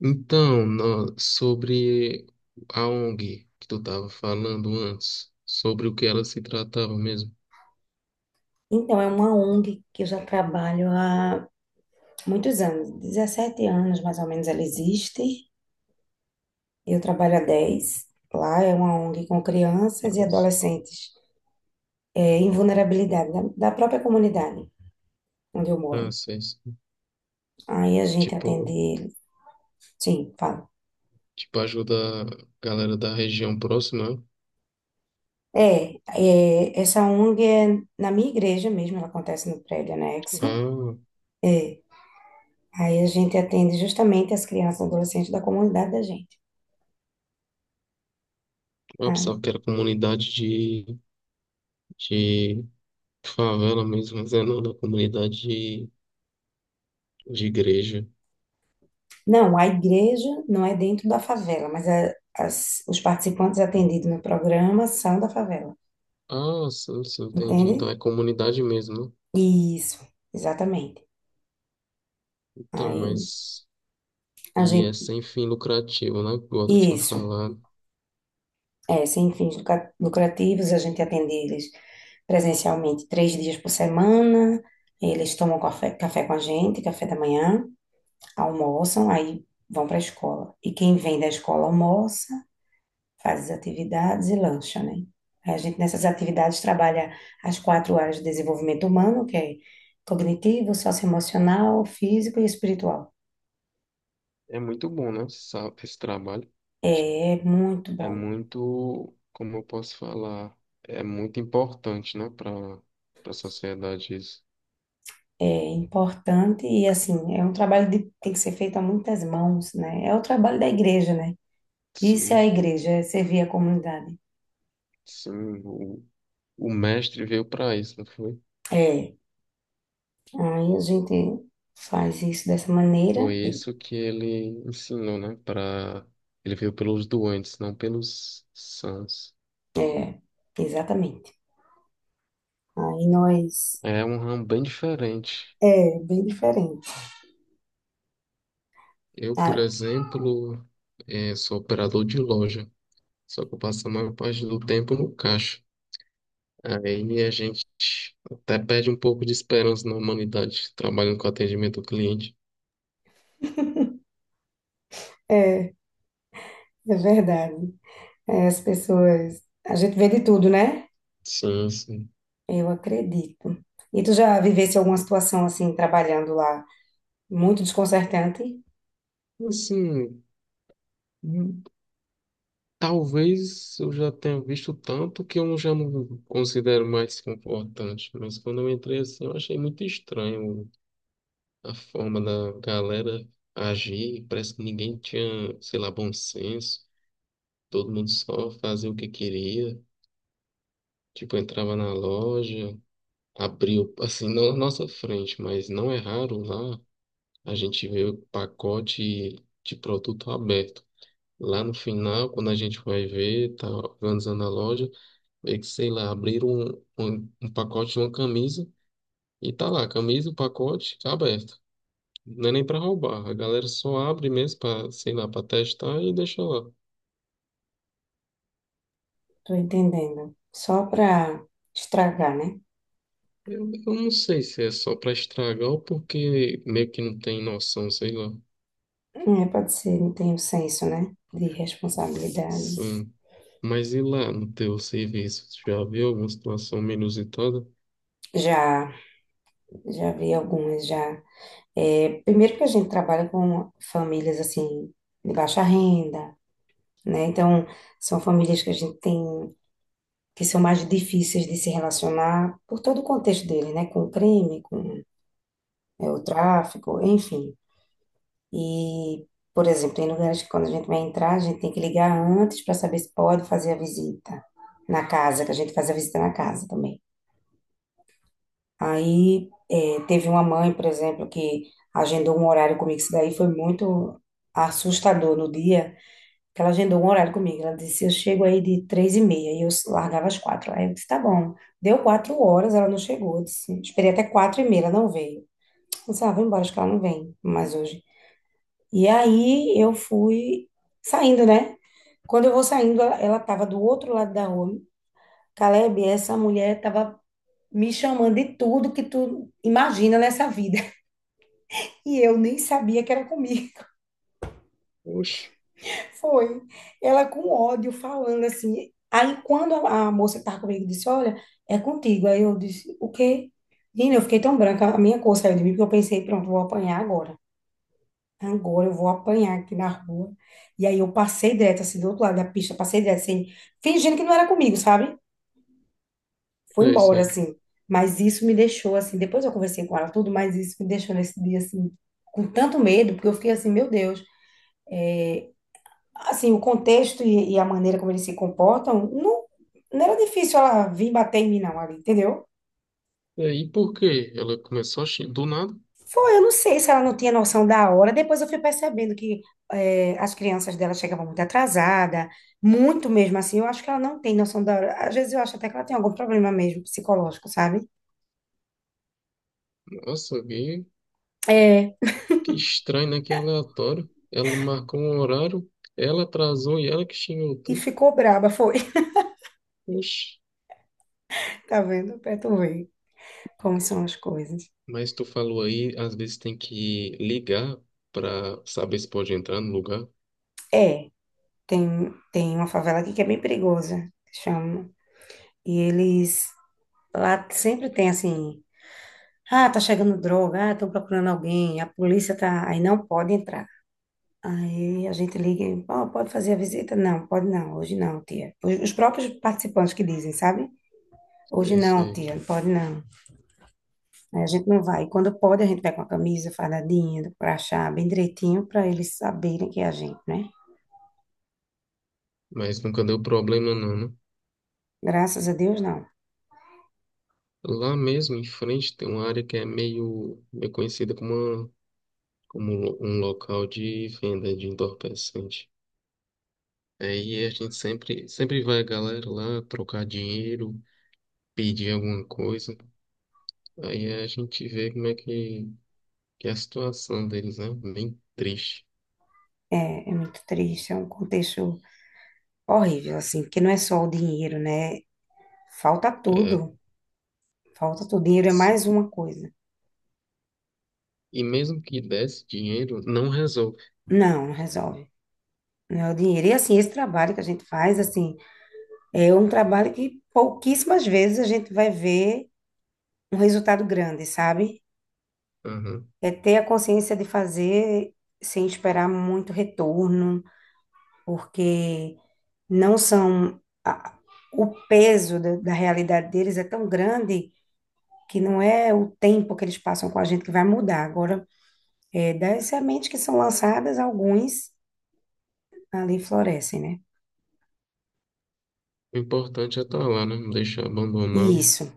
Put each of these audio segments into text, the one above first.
Então, sobre a ONG que tu estava falando antes, sobre o que ela se tratava mesmo. Então, é uma ONG que eu já trabalho há muitos anos, 17 anos mais ou menos ela existe. Eu trabalho há 10. Lá é uma ONG com crianças e Nossa. adolescentes é, em vulnerabilidade da própria comunidade onde eu moro. Ah, sei, sei. Aí a gente atende Tipo, eles. Sim, fala. tipo, ajuda a galera da região próxima. É, essa ONG é na minha igreja mesmo, ela acontece no prédio anexo. Ah, É, aí a gente atende justamente as crianças e adolescentes da comunidade da gente. a pensava Ah, que era comunidade de favela mesmo, mas é não, da comunidade de igreja. não, a igreja não é dentro da favela, mas os participantes atendidos no programa são da favela, Ah, sim, sim, entendi. Então entende? é comunidade mesmo, né? Isso, exatamente. Então, Aí mas... a E é gente, sem fim lucrativo, né? Igual tu tinha isso, falado. é, sem fins lucrativos, a gente atende eles presencialmente 3 dias por semana. Eles tomam café, café com a gente, café da manhã, almoçam, aí vão para a escola. E quem vem da escola almoça, faz as atividades e lancha, né? Aí a gente nessas atividades trabalha as quatro áreas de desenvolvimento humano, que é cognitivo, socioemocional, físico e espiritual. É muito bom, né? Esse trabalho É, é muito é bom, muito, como eu posso falar, é muito importante, né, para para a sociedade isso. é importante e assim, é um trabalho que tem que ser feito a muitas mãos, né? É o trabalho da igreja, né? Isso é a Sim, igreja, é servir a comunidade. sim, o, o mestre veio para isso, não foi? É, aí a gente faz isso dessa Foi maneira, isso que ele ensinou, né? Para ele veio pelos doentes, não pelos sãos. é, exatamente. Aí nós, É um ramo bem diferente. é bem diferente. Eu, por Ah, exemplo, sou operador de loja, só que eu passo a maior parte do tempo no caixa. Aí a gente até perde um pouco de esperança na humanidade, trabalhando com atendimento ao cliente. é. É verdade. É, as pessoas. A gente vê de tudo, né? Sim, sim. Eu acredito. E tu já vivesse alguma situação assim, trabalhando lá, muito desconcertante? Assim, hum, talvez eu já tenha visto tanto que eu já não considero mais importante, mas quando eu entrei assim, eu achei muito estranho a forma da galera agir. Parece que ninguém tinha, sei lá, bom senso. Todo mundo só fazia o que queria. Tipo, entrava na loja, abriu, assim, não na nossa frente, mas não é raro lá. A gente vê o pacote de produto aberto. Lá no final, quando a gente vai ver, tá organizando a loja, vê que, sei lá, abriram um pacote de uma camisa e tá lá, camisa, o pacote tá aberto. Não é nem para roubar, a galera só abre mesmo para, sei lá, para testar e deixa lá. Tô entendendo. Só pra estragar, né? Eu não sei se é só para estragar ou porque meio que não tem noção, sei lá. É, pode ser, não tem o senso, né? De responsabilidade. Sim. Mas e lá no teu serviço? Tu já viu alguma situação menos inusitada? Já, já vi algumas já. É, primeiro que a gente trabalha com famílias assim de baixa renda, né? Então, são famílias que a gente tem que são mais difíceis de se relacionar por todo o contexto dele, né? Com o crime, com é, o tráfico, enfim. E, por exemplo, tem lugares que quando a gente vai entrar, a gente tem que ligar antes para saber se pode fazer a visita na casa, que a gente faz a visita na casa também. Aí é, teve uma mãe, por exemplo, que agendou um horário comigo. Isso daí foi muito assustador no dia, que ela agendou um horário comigo. Ela disse, eu chego aí de 3:30, e eu largava às 4 horas. Aí eu disse, tá bom. Deu 4 horas, ela não chegou. Eu disse, esperei até 4:30, ela não veio. Eu disse, ah, vou embora, acho que ela não vem mais hoje. E aí eu fui saindo, né? Quando eu vou saindo, ela tava do outro lado da rua. Caleb, essa mulher tava me chamando de tudo que tu imagina nessa vida. E eu nem sabia que era comigo. Oxe. Foi. Ela com ódio falando assim. Aí quando a moça que estava comigo disse, olha, é contigo. Aí eu disse, o quê? Menina, eu fiquei tão branca, a minha cor saiu de mim, porque eu pensei, pronto, vou apanhar agora. Agora eu vou apanhar aqui na rua. E aí eu passei direto, assim, do outro lado da pista, passei direto, assim, fingindo que não era comigo, sabe? Foi Sei, embora, sei. assim. Mas isso me deixou, assim, depois eu conversei com ela tudo, mas isso me deixou nesse dia, assim, com tanto medo, porque eu fiquei assim, meu Deus. Assim, o contexto e a maneira como eles se comportam, não, não era difícil ela vir bater em mim, não, ali, entendeu? E aí, por quê? Ela começou a... Do nada. Foi, eu não sei se ela não tinha noção da hora. Depois eu fui percebendo que é, as crianças dela chegavam muito atrasada, muito mesmo assim. Eu acho que ela não tem noção da hora. Às vezes eu acho até que ela tem algum problema mesmo psicológico, sabe? Nossa, É, que estranho, né? Que aleatório. Ela marcou um horário, ela atrasou e ela que xingou e tu. ficou braba, foi. Oxi. Tá vendo? Pra tu ver como são as coisas. Mas tu falou aí, às vezes tem que ligar pra saber se pode entrar no lugar. É, tem uma favela aqui que é bem perigosa, chama. E eles lá sempre tem assim, ah, tá chegando droga, ah, estão procurando alguém, a polícia tá, aí não pode entrar. Aí a gente liga, e, ó, pode fazer a visita? Não, pode não, hoje não, tia. Os próprios participantes que dizem, sabe? Hoje Sei, não, sei. tia, não pode não. Aí a gente não vai. E quando pode, a gente vai com a camisa fardadinha, do crachá, bem direitinho, para eles saberem que é a gente, né? Mas nunca deu problema não, né? Graças a Deus, não. Lá mesmo em frente tem uma área que é meio, meio conhecida como, uma, como um local de venda de entorpecente. É, e a gente sempre, sempre vai a galera lá trocar dinheiro, pedir alguma coisa. Aí a gente vê como é que é a situação deles, né? Bem triste. É, é muito triste, é um contexto horrível, assim, porque não é só o dinheiro, né? Falta É. tudo. Falta tudo. Dinheiro é mais Sim. uma coisa. E mesmo que desse dinheiro, não resolve. Não, não resolve. Não é o dinheiro. E assim, esse trabalho que a gente faz, assim, é um trabalho que pouquíssimas vezes a gente vai ver um resultado grande, sabe? Aham. É ter a consciência de fazer sem esperar muito retorno, porque não são. a- o peso da, da realidade deles é tão grande que não é o tempo que eles passam com a gente que vai mudar. Agora, é, das sementes que são lançadas, alguns ali florescem, né? O importante é estar lá, né? Não deixar abandonado. Isso.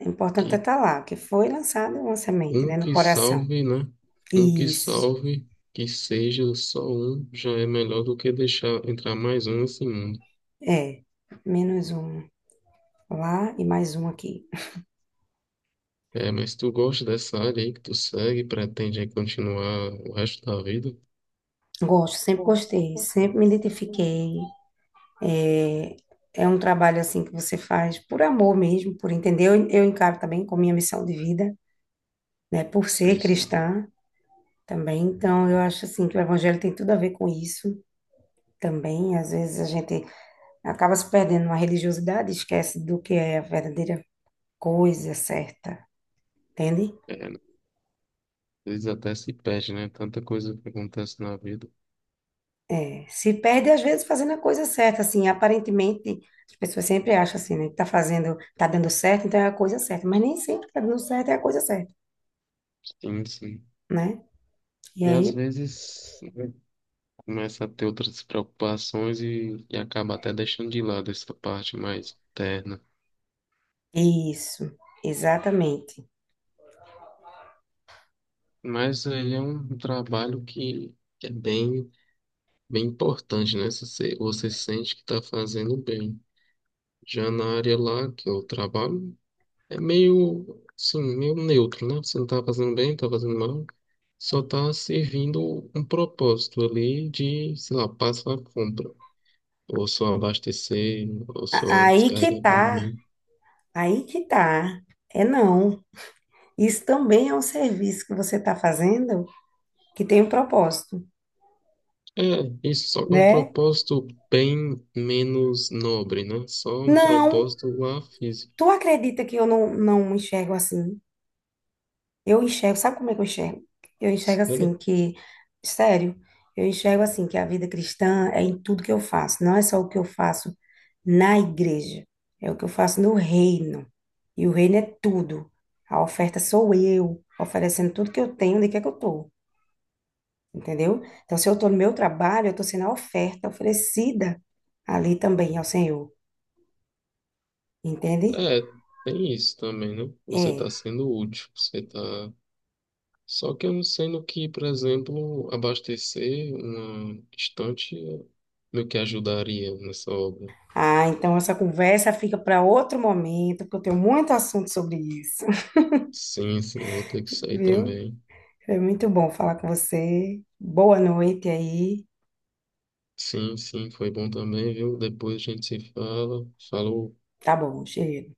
É importante Que estar lá, porque foi lançado uma semente, um né, no que coração. salve, né? Um que Isso. salve, que seja só um, já é melhor do que deixar entrar mais um assim. É. Menos um lá e mais um aqui. É, mas tu gosta dessa área aí que tu segue, pretende aí continuar o resto da vida? Gosto, sempre Gosto sempre gostei, sempre gostei, me sempre me identifiquei. identifiquei. É, é um trabalho assim que você faz por amor mesmo, por entender. Eu encaro também como minha missão de vida, né, por ser Sei, sei. cristã também. Então, eu acho assim que o evangelho tem tudo a ver com isso também. Às vezes a gente acaba se perdendo na religiosidade, esquece do que é a verdadeira coisa certa, entende? É, né? Às vezes até se perde, né? Tanta coisa que acontece na vida. É, se perde, às vezes, fazendo a coisa certa, assim, aparentemente, as pessoas sempre acham assim, né, que tá fazendo, tá dando certo, então é a coisa certa, mas nem sempre tá dando certo é a coisa certa, Sim, sim. né? E E às aí, vezes né, começa a ter outras preocupações e acaba até deixando de lado essa parte mais interna. isso, exatamente. Mas ele é um trabalho que é bem, bem importante, né? Se você, você sente que está fazendo bem. Já na área lá que eu trabalho, é meio, sim meio neutro, né? Você não tá fazendo bem, não tá fazendo mal. Só tá servindo um propósito ali de, sei lá, passa a compra. Ou só abastecer, ou A- só Aí que descarregar tá, caminhão. aí que tá, é não. Isso também é um serviço que você tá fazendo que tem um propósito, É, isso só que é um né? propósito bem menos nobre, né? Só um Não, propósito lá físico. tu acredita que eu não, não enxergo assim? Eu enxergo, sabe como é que eu enxergo? Eu enxergo assim Sério? que, sério, eu enxergo assim que a vida cristã é em tudo que eu faço, não é só o que eu faço na igreja, é o que eu faço no reino. E o reino é tudo. A oferta sou eu, oferecendo tudo que eu tenho, onde quer que eu tô, entendeu? Então, se eu tô no meu trabalho, eu tô sendo a oferta oferecida ali também ao Senhor, entende? É, tem isso também, né? Você tá É. sendo útil, você tá. Só que eu não sendo que, por exemplo, abastecer uma estante meio que ajudaria nessa obra. Ah, então essa conversa fica para outro momento, porque eu tenho muito assunto sobre isso. Sim, sim, vou ter que sair Viu? também. Foi muito bom falar com você. Boa noite aí. Sim, sim, foi bom também, viu? Depois a gente se fala. Falou. Tá bom, cheiro.